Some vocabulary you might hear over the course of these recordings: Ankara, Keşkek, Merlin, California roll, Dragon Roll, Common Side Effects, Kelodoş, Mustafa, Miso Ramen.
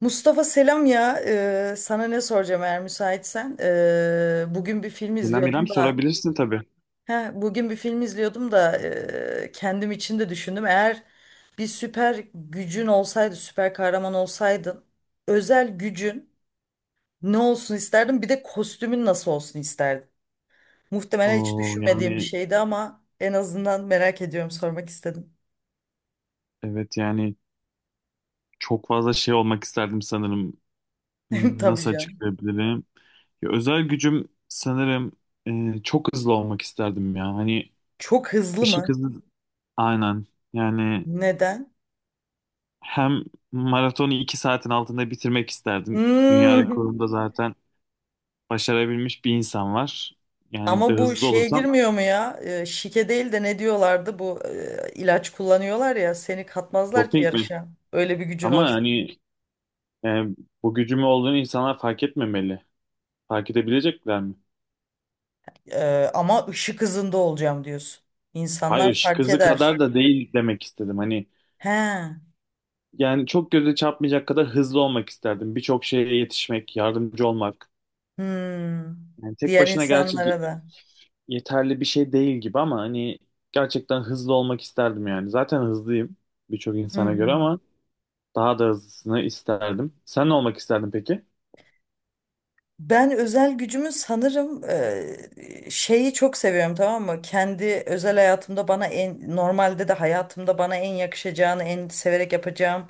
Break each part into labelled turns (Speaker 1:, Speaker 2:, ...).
Speaker 1: Mustafa, selam ya. Sana ne soracağım, eğer müsaitsen. Bugün bir film
Speaker 2: İrem
Speaker 1: izliyordum da.
Speaker 2: sorabilirsin tabii.
Speaker 1: He, bugün bir film izliyordum da, kendim için de düşündüm. Eğer bir süper gücün olsaydı, süper kahraman olsaydın, özel gücün ne olsun isterdin? Bir de kostümün nasıl olsun isterdin? Muhtemelen hiç
Speaker 2: Oo, yani
Speaker 1: düşünmediğim bir şeydi, ama en azından merak ediyorum, sormak istedim.
Speaker 2: evet, yani çok fazla şey olmak isterdim sanırım.
Speaker 1: Tabii
Speaker 2: Nasıl
Speaker 1: canım.
Speaker 2: açıklayabilirim? Ya, özel gücüm sanırım çok hızlı olmak isterdim ya. Hani
Speaker 1: Çok hızlı
Speaker 2: ışık
Speaker 1: mı?
Speaker 2: hızı, aynen. Yani
Speaker 1: Neden?
Speaker 2: hem maratonu 2 saatin altında bitirmek isterdim. Dünya
Speaker 1: Hmm.
Speaker 2: rekorunda zaten başarabilmiş bir insan var. Yani bir de
Speaker 1: Ama bu
Speaker 2: hızlı
Speaker 1: şeye
Speaker 2: olursam
Speaker 1: girmiyor mu ya? Şike değil de ne diyorlardı? Bu ilaç kullanıyorlar ya, seni katmazlar ki
Speaker 2: doping mi?
Speaker 1: yarışa. Öyle bir gücün
Speaker 2: Ama
Speaker 1: olsun.
Speaker 2: hani e, bu gücümü olduğunu insanlar fark etmemeli. Fark edebilecekler mi?
Speaker 1: Ama ışık hızında olacağım diyorsun.
Speaker 2: Hayır,
Speaker 1: İnsanlar
Speaker 2: ışık
Speaker 1: fark
Speaker 2: hızı kadar
Speaker 1: eder.
Speaker 2: da değil demek istedim. Hani
Speaker 1: He.
Speaker 2: yani çok göze çarpmayacak kadar hızlı olmak isterdim. Birçok şeye yetişmek, yardımcı olmak.
Speaker 1: Hmm.
Speaker 2: Yani tek
Speaker 1: Diğer
Speaker 2: başına gerçi
Speaker 1: insanlara da.
Speaker 2: yeterli bir şey değil gibi, ama hani gerçekten hızlı olmak isterdim yani. Zaten hızlıyım birçok
Speaker 1: Hı
Speaker 2: insana göre,
Speaker 1: hı.
Speaker 2: ama daha da hızlısını isterdim. Sen ne olmak isterdin peki?
Speaker 1: Ben özel gücümü sanırım, şeyi çok seviyorum, tamam mı? Kendi özel hayatımda bana en normalde de hayatımda bana en yakışacağını, en severek yapacağım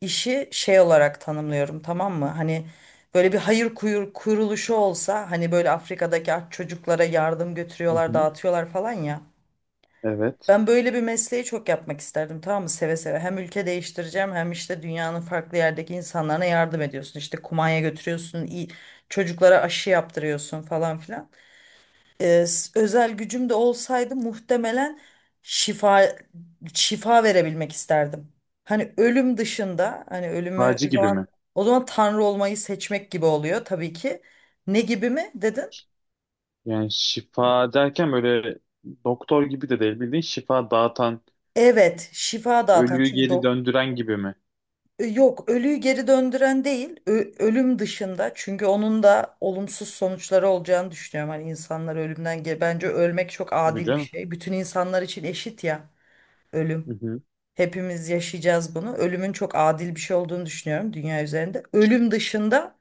Speaker 1: İşi şey olarak tanımlıyorum, tamam mı? Hani böyle bir hayır kuyur, kuruluşu olsa, hani böyle Afrika'daki aç çocuklara yardım
Speaker 2: Hı
Speaker 1: götürüyorlar,
Speaker 2: hı.
Speaker 1: dağıtıyorlar falan ya.
Speaker 2: Evet.
Speaker 1: Ben böyle bir mesleği çok yapmak isterdim, tamam mı? Seve seve. Hem ülke değiştireceğim, hem işte dünyanın farklı yerdeki insanlarına yardım ediyorsun. İşte kumanya götürüyorsun, iyi, çocuklara aşı yaptırıyorsun falan filan. Özel gücüm de olsaydı, muhtemelen şifa şifa verebilmek isterdim. Hani ölüm dışında, hani ölümü,
Speaker 2: Şifacı gibi mi?
Speaker 1: o zaman tanrı olmayı seçmek gibi oluyor tabii ki. Ne gibi mi dedin?
Speaker 2: Yani şifa derken böyle doktor gibi de değil, bildiğin şifa dağıtan,
Speaker 1: Evet, şifa dağıtan,
Speaker 2: ölüyü
Speaker 1: çünkü
Speaker 2: geri döndüren gibi mi?
Speaker 1: yok, ölüyü geri döndüren değil, ölüm dışında, çünkü onun da olumsuz sonuçları olacağını düşünüyorum. Hani insanlar ölümden bence ölmek çok
Speaker 2: Tabii
Speaker 1: adil bir
Speaker 2: canım.
Speaker 1: şey. Bütün insanlar için eşit ya,
Speaker 2: Hı
Speaker 1: ölüm.
Speaker 2: hı.
Speaker 1: Hepimiz yaşayacağız bunu. Ölümün çok adil bir şey olduğunu düşünüyorum dünya üzerinde. Ölüm dışında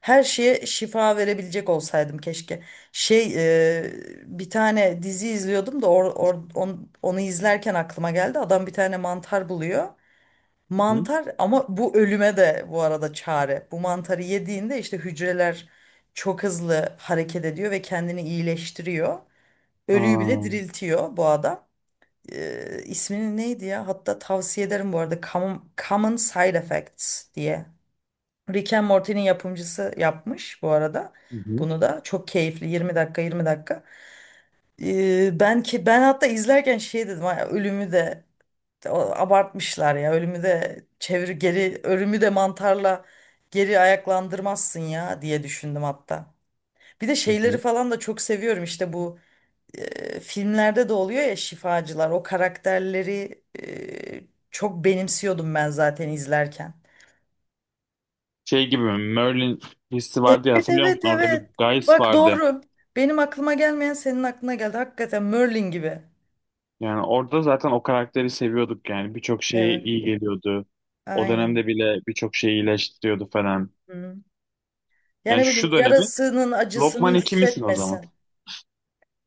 Speaker 1: her şeye şifa verebilecek olsaydım keşke. Şey, e, bir tane dizi izliyordum da, onu izlerken aklıma geldi. Adam bir tane mantar buluyor.
Speaker 2: Hı?
Speaker 1: Mantar, ama bu ölüme de bu arada çare. Bu mantarı yediğinde işte hücreler çok hızlı hareket ediyor ve kendini iyileştiriyor.
Speaker 2: Aa,
Speaker 1: Ölüyü bile
Speaker 2: hı
Speaker 1: diriltiyor bu adam. İsmini neydi ya? Hatta tavsiye ederim bu arada. Common Side Effects diye. Rick and Morty'nin yapımcısı yapmış bu arada.
Speaker 2: hı,
Speaker 1: Bunu da çok keyifli, 20 dakika, 20 dakika. Ben hatta izlerken şey dedim: "Ay, ölümü de, o- abartmışlar ya. Ölümü de çevir geri, ölümü de mantarla geri ayaklandırmazsın ya," diye düşündüm hatta. Bir de
Speaker 2: hı
Speaker 1: şeyleri
Speaker 2: hı.
Speaker 1: falan da çok seviyorum, işte bu filmlerde de oluyor ya, şifacılar. O karakterleri çok benimsiyordum ben zaten izlerken.
Speaker 2: Şey gibi mi? Merlin dizisi
Speaker 1: Evet,
Speaker 2: vardı ya, hatırlıyor
Speaker 1: evet,
Speaker 2: musun? Orada bir
Speaker 1: evet.
Speaker 2: Guys
Speaker 1: Bak
Speaker 2: vardı.
Speaker 1: doğru. Benim aklıma gelmeyen senin aklına geldi. Hakikaten Merlin gibi.
Speaker 2: Yani orada zaten o karakteri seviyorduk yani. Birçok şeye
Speaker 1: Evet.
Speaker 2: iyi geliyordu. O
Speaker 1: Aynen.
Speaker 2: dönemde bile birçok şeyi iyileştiriyordu falan.
Speaker 1: Hı. Yani
Speaker 2: Yani
Speaker 1: ne bileyim,
Speaker 2: şu dönemi
Speaker 1: yarasının acısını
Speaker 2: Lokman ikimisin o zaman.
Speaker 1: hissetmesin.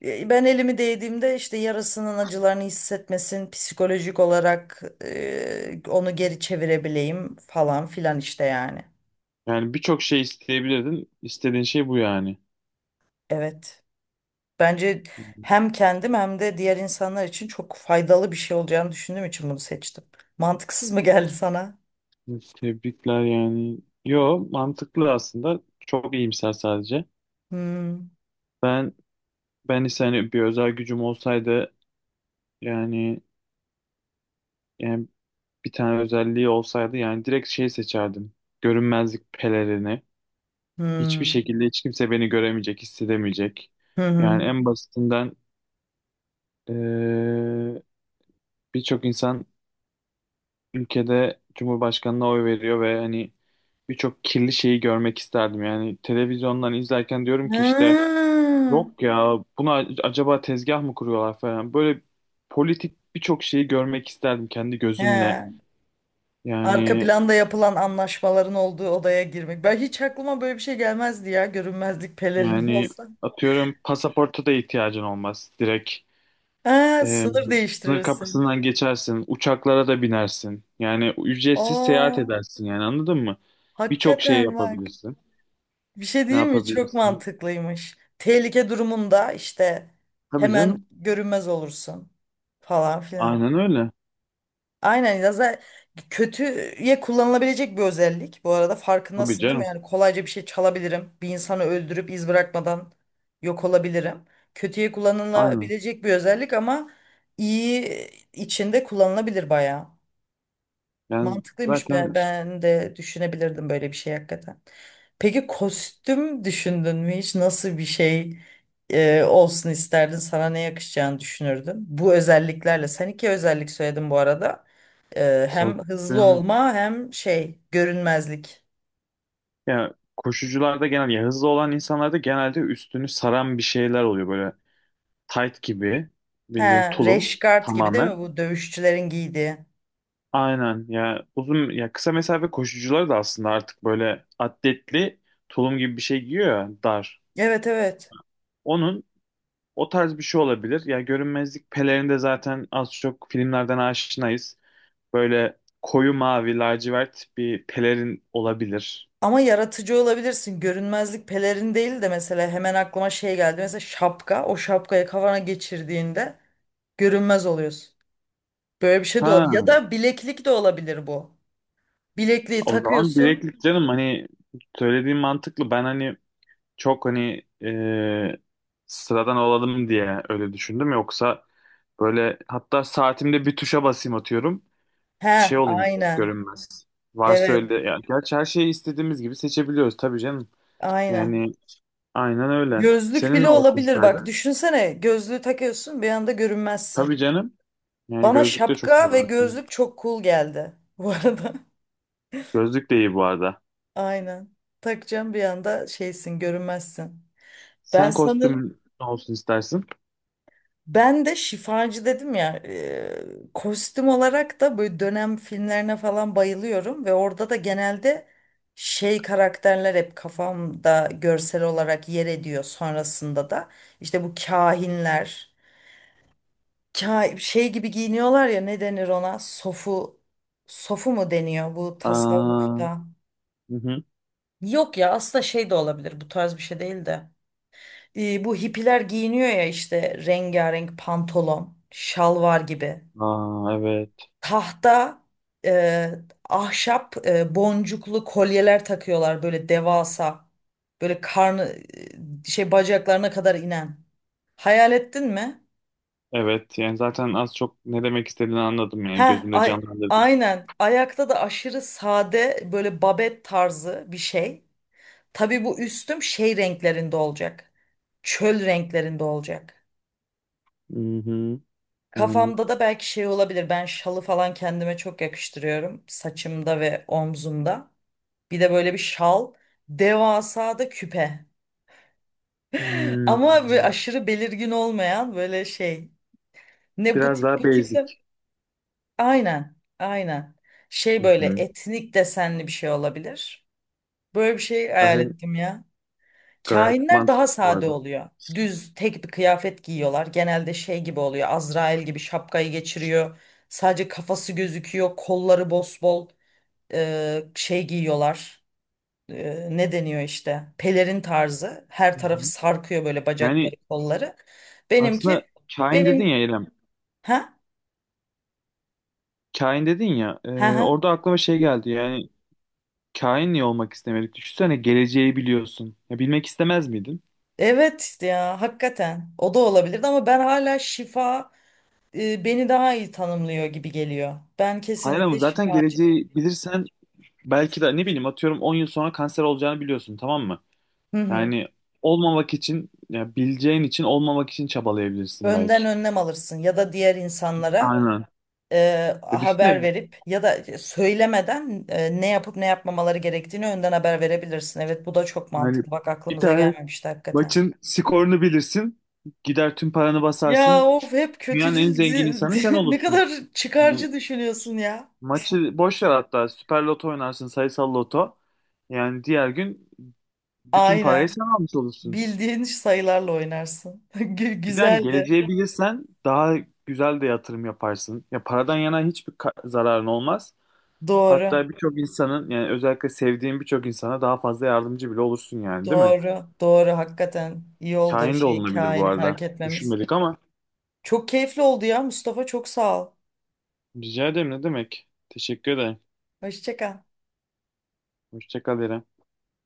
Speaker 1: Ben elimi değdiğimde işte yarasının acılarını hissetmesin. Psikolojik olarak onu geri çevirebileyim falan filan işte, yani.
Speaker 2: Yani birçok şey isteyebilirdin. İstediğin şey bu yani.
Speaker 1: Evet. Bence hem kendim, hem de diğer insanlar için çok faydalı bir şey olacağını düşündüğüm için bunu seçtim. Mantıksız mı geldi sana?
Speaker 2: Tebrikler yani. Yo, mantıklı aslında. Çok iyimser sadece.
Speaker 1: Hmm.
Speaker 2: Ben ben ise hani bir özel gücüm olsaydı, yani yani bir tane özelliği olsaydı yani, direkt şey seçerdim. Görünmezlik pelerini. Hiçbir
Speaker 1: Hmm.
Speaker 2: şekilde hiç kimse beni göremeyecek, hissedemeyecek.
Speaker 1: Hı hı.
Speaker 2: Yani en basitinden eee, birçok insan ülkede Cumhurbaşkanına oy veriyor ve hani birçok kirli şeyi görmek isterdim. Yani televizyondan izlerken diyorum ki, işte
Speaker 1: Hmm.
Speaker 2: yok ya, buna acaba tezgah mı kuruyorlar falan. Böyle politik birçok şeyi görmek isterdim kendi
Speaker 1: He.
Speaker 2: gözümle.
Speaker 1: Arka
Speaker 2: Yani
Speaker 1: planda yapılan anlaşmaların olduğu odaya girmek. Ben hiç, aklıma böyle bir şey gelmezdi ya. Görünmezlik pelerini
Speaker 2: Yani
Speaker 1: olsa.
Speaker 2: atıyorum, pasaporta da ihtiyacın olmaz. Direkt
Speaker 1: Ha,
Speaker 2: e,
Speaker 1: sınır
Speaker 2: sınır
Speaker 1: değiştirirsin.
Speaker 2: kapısından geçersin, uçaklara da binersin. Yani ücretsiz seyahat
Speaker 1: Aa,
Speaker 2: edersin yani, anladın mı? Birçok şey
Speaker 1: hakikaten bak.
Speaker 2: yapabilirsin.
Speaker 1: Bir şey
Speaker 2: Ne
Speaker 1: değil mi? Çok
Speaker 2: yapabilirsin?
Speaker 1: mantıklıymış. Tehlike durumunda işte
Speaker 2: Tabii
Speaker 1: hemen
Speaker 2: canım.
Speaker 1: görünmez olursun falan filan.
Speaker 2: Aynen öyle.
Speaker 1: Aynen ya, kötüye kullanılabilecek bir özellik. Bu arada
Speaker 2: Tabii
Speaker 1: farkındasın değil mi?
Speaker 2: canım.
Speaker 1: Yani kolayca bir şey çalabilirim. Bir insanı öldürüp iz bırakmadan yok olabilirim. Kötüye
Speaker 2: Aynen.
Speaker 1: kullanılabilecek bir özellik, ama iyi içinde kullanılabilir bayağı.
Speaker 2: Yani
Speaker 1: Mantıklıymış.
Speaker 2: zaten
Speaker 1: Ben, de düşünebilirdim böyle bir şey hakikaten. Peki kostüm düşündün mü hiç? Nasıl bir şey olsun isterdin? Sana ne yakışacağını düşünürdün, bu özelliklerle? Sen iki özellik söyledin bu arada. Hem hızlı
Speaker 2: korktuğum,
Speaker 1: olma, hem şey, görünmezlik.
Speaker 2: ya koşucularda genel, ya hızlı olan insanlarda genelde üstünü saran bir şeyler oluyor böyle, tight gibi,
Speaker 1: He,
Speaker 2: bildiğin tulum
Speaker 1: rash gibi değil mi
Speaker 2: tamamen.
Speaker 1: bu dövüşçülerin giydiği?
Speaker 2: Aynen ya, uzun ya kısa mesafe koşucuları da aslında artık böyle atletli tulum gibi bir şey giyiyor ya, dar.
Speaker 1: Evet, evet.
Speaker 2: Onun o tarz bir şey olabilir. Ya, görünmezlik pelerini de zaten az çok filmlerden aşinayız. Böyle koyu mavi lacivert bir pelerin olabilir.
Speaker 1: Ama yaratıcı olabilirsin. Görünmezlik pelerin değil de mesela, hemen aklıma şey geldi. Mesela şapka. O şapkayı kafana geçirdiğinde görünmez oluyorsun. Böyle bir şey de olabilir. Ya
Speaker 2: Ha,
Speaker 1: da bileklik de olabilir bu. Bilekliği
Speaker 2: o zaman
Speaker 1: takıyorsun.
Speaker 2: bileklik canım, hani söylediğim mantıklı. Ben hani çok hani sıradan olalım diye öyle düşündüm. Yoksa böyle, hatta saatimde bir tuşa basayım atıyorum.
Speaker 1: He,
Speaker 2: Şey olayım dedim,
Speaker 1: aynen.
Speaker 2: görünmez. Varsa öyle.
Speaker 1: Evet,
Speaker 2: Ya, gerçi her şeyi istediğimiz gibi seçebiliyoruz tabii canım.
Speaker 1: aynen.
Speaker 2: Yani aynen öyle.
Speaker 1: Gözlük
Speaker 2: Senin
Speaker 1: bile
Speaker 2: ne olsun
Speaker 1: olabilir. Bak
Speaker 2: isterdin?
Speaker 1: düşünsene, gözlüğü takıyorsun, bir anda görünmezsin.
Speaker 2: Tabii canım. Yani
Speaker 1: Bana
Speaker 2: gözlük de çok iyi
Speaker 1: şapka ve
Speaker 2: var.
Speaker 1: gözlük çok cool geldi bu arada.
Speaker 2: Gözlük de iyi bu arada.
Speaker 1: Aynen. Takacağım, bir anda şeysin, görünmezsin. Ben
Speaker 2: Sen
Speaker 1: sanırım,
Speaker 2: kostümün ne olsun istersin?
Speaker 1: Ben de şifacı dedim ya, kostüm olarak da böyle dönem filmlerine falan bayılıyorum, ve orada da genelde şey karakterler hep kafamda görsel olarak yer ediyor sonrasında da. İşte bu kahinler, şey gibi giyiniyorlar ya, ne denir ona, sofu, sofu mu deniyor bu
Speaker 2: Aa,
Speaker 1: tasavvufta?
Speaker 2: hı hı.
Speaker 1: Yok ya, aslında şey de olabilir, bu tarz bir şey değil de, bu hippiler giyiniyor ya işte, rengarenk pantolon, şalvar gibi.
Speaker 2: Aa, evet.
Speaker 1: tahta e, ahşap boncuklu kolyeler takıyorlar böyle devasa, böyle karnı, şey, bacaklarına kadar inen. Hayal ettin mi?
Speaker 2: Evet, yani zaten az çok ne demek istediğini anladım, yani
Speaker 1: Ha,
Speaker 2: gözümde
Speaker 1: ay,
Speaker 2: canlandırdım.
Speaker 1: aynen. Ayakta da aşırı sade, böyle babet tarzı bir şey. Tabii bu üstüm şey renklerinde olacak. Çöl renklerinde olacak.
Speaker 2: Hı hı. Yani
Speaker 1: Kafamda da belki şey olabilir. Ben şalı falan kendime çok yakıştırıyorum, saçımda ve omzumda. Bir de böyle bir şal. Devasa da küpe. Ama böyle
Speaker 2: hmm,
Speaker 1: aşırı belirgin olmayan, böyle şey. Ne, bu
Speaker 2: biraz
Speaker 1: tip,
Speaker 2: daha
Speaker 1: bu
Speaker 2: basic.
Speaker 1: tiple. Aynen. Aynen. Şey,
Speaker 2: Hı
Speaker 1: böyle
Speaker 2: hı.
Speaker 1: etnik desenli bir şey olabilir. Böyle bir şey hayal
Speaker 2: Gayet,
Speaker 1: ettim ya.
Speaker 2: gayet
Speaker 1: Kahinler daha
Speaker 2: mantıklı bu
Speaker 1: sade
Speaker 2: arada.
Speaker 1: oluyor. Düz tek bir kıyafet giyiyorlar. Genelde şey gibi oluyor. Azrail gibi şapkayı geçiriyor. Sadece kafası gözüküyor. Kolları bosbol, şey giyiyorlar. Ne deniyor işte, pelerin tarzı, her
Speaker 2: Hı
Speaker 1: tarafı
Speaker 2: hı.
Speaker 1: sarkıyor böyle, bacakları,
Speaker 2: Yani
Speaker 1: kolları. Benimki,
Speaker 2: aslında kain dedin ya,
Speaker 1: benim
Speaker 2: İrem.
Speaker 1: ha,
Speaker 2: Kain dedin ya.
Speaker 1: ha,
Speaker 2: Orada aklıma şey geldi. Yani kain niye olmak istemedik? Düşünsene, geleceği biliyorsun. Ya, bilmek istemez miydin?
Speaker 1: evet ya, hakikaten o da olabilirdi, ama ben hala şifa, beni daha iyi tanımlıyor gibi geliyor. Ben
Speaker 2: Hayır, ama
Speaker 1: kesinlikle
Speaker 2: zaten
Speaker 1: şifacı.
Speaker 2: geleceği bilirsen, belki de ne bileyim, atıyorum 10 yıl sonra kanser olacağını biliyorsun, tamam mı?
Speaker 1: Hı hı.
Speaker 2: Yani olmamak için, ya bileceğin için olmamak için çabalayabilirsin
Speaker 1: Önden
Speaker 2: belki.
Speaker 1: önlem alırsın, ya da diğer insanlara
Speaker 2: Aynen. Ya
Speaker 1: haber
Speaker 2: düşünsene,
Speaker 1: verip, ya da söylemeden ne yapıp ne yapmamaları gerektiğini önden haber verebilirsin. Evet, bu da çok
Speaker 2: yani
Speaker 1: mantıklı. Bak
Speaker 2: bir
Speaker 1: aklımıza
Speaker 2: tane
Speaker 1: gelmemişti hakikaten.
Speaker 2: maçın skorunu bilirsin. Gider tüm paranı
Speaker 1: Ya
Speaker 2: basarsın.
Speaker 1: of, hep
Speaker 2: Dünyanın en
Speaker 1: kötücül,
Speaker 2: zengin insanı sen
Speaker 1: ne
Speaker 2: olursun.
Speaker 1: kadar
Speaker 2: Yani
Speaker 1: çıkarcı düşünüyorsun ya.
Speaker 2: maçı boş ver hatta. Süper Loto oynarsın, sayısal loto. Yani diğer gün bütün parayı
Speaker 1: Aynen.
Speaker 2: sen almış olursun.
Speaker 1: Bildiğin sayılarla oynarsın.
Speaker 2: Bir de hani
Speaker 1: Güzel de.
Speaker 2: geleceği bilirsen daha güzel de yatırım yaparsın. Ya paradan yana hiçbir zararın olmaz.
Speaker 1: Doğru.
Speaker 2: Hatta birçok insanın, yani özellikle sevdiğin birçok insana daha fazla yardımcı bile olursun yani, değil mi?
Speaker 1: Doğru. Doğru. Hakikaten iyi oldu
Speaker 2: Kahin de
Speaker 1: şey,
Speaker 2: olunabilir bu
Speaker 1: hikayeni
Speaker 2: arada.
Speaker 1: fark etmemiz.
Speaker 2: Düşünmedik ama.
Speaker 1: Çok keyifli oldu ya Mustafa. Çok sağ ol.
Speaker 2: Rica ederim, ne demek. Teşekkür ederim.
Speaker 1: Hoşça kal.
Speaker 2: Hoşça kal İrem.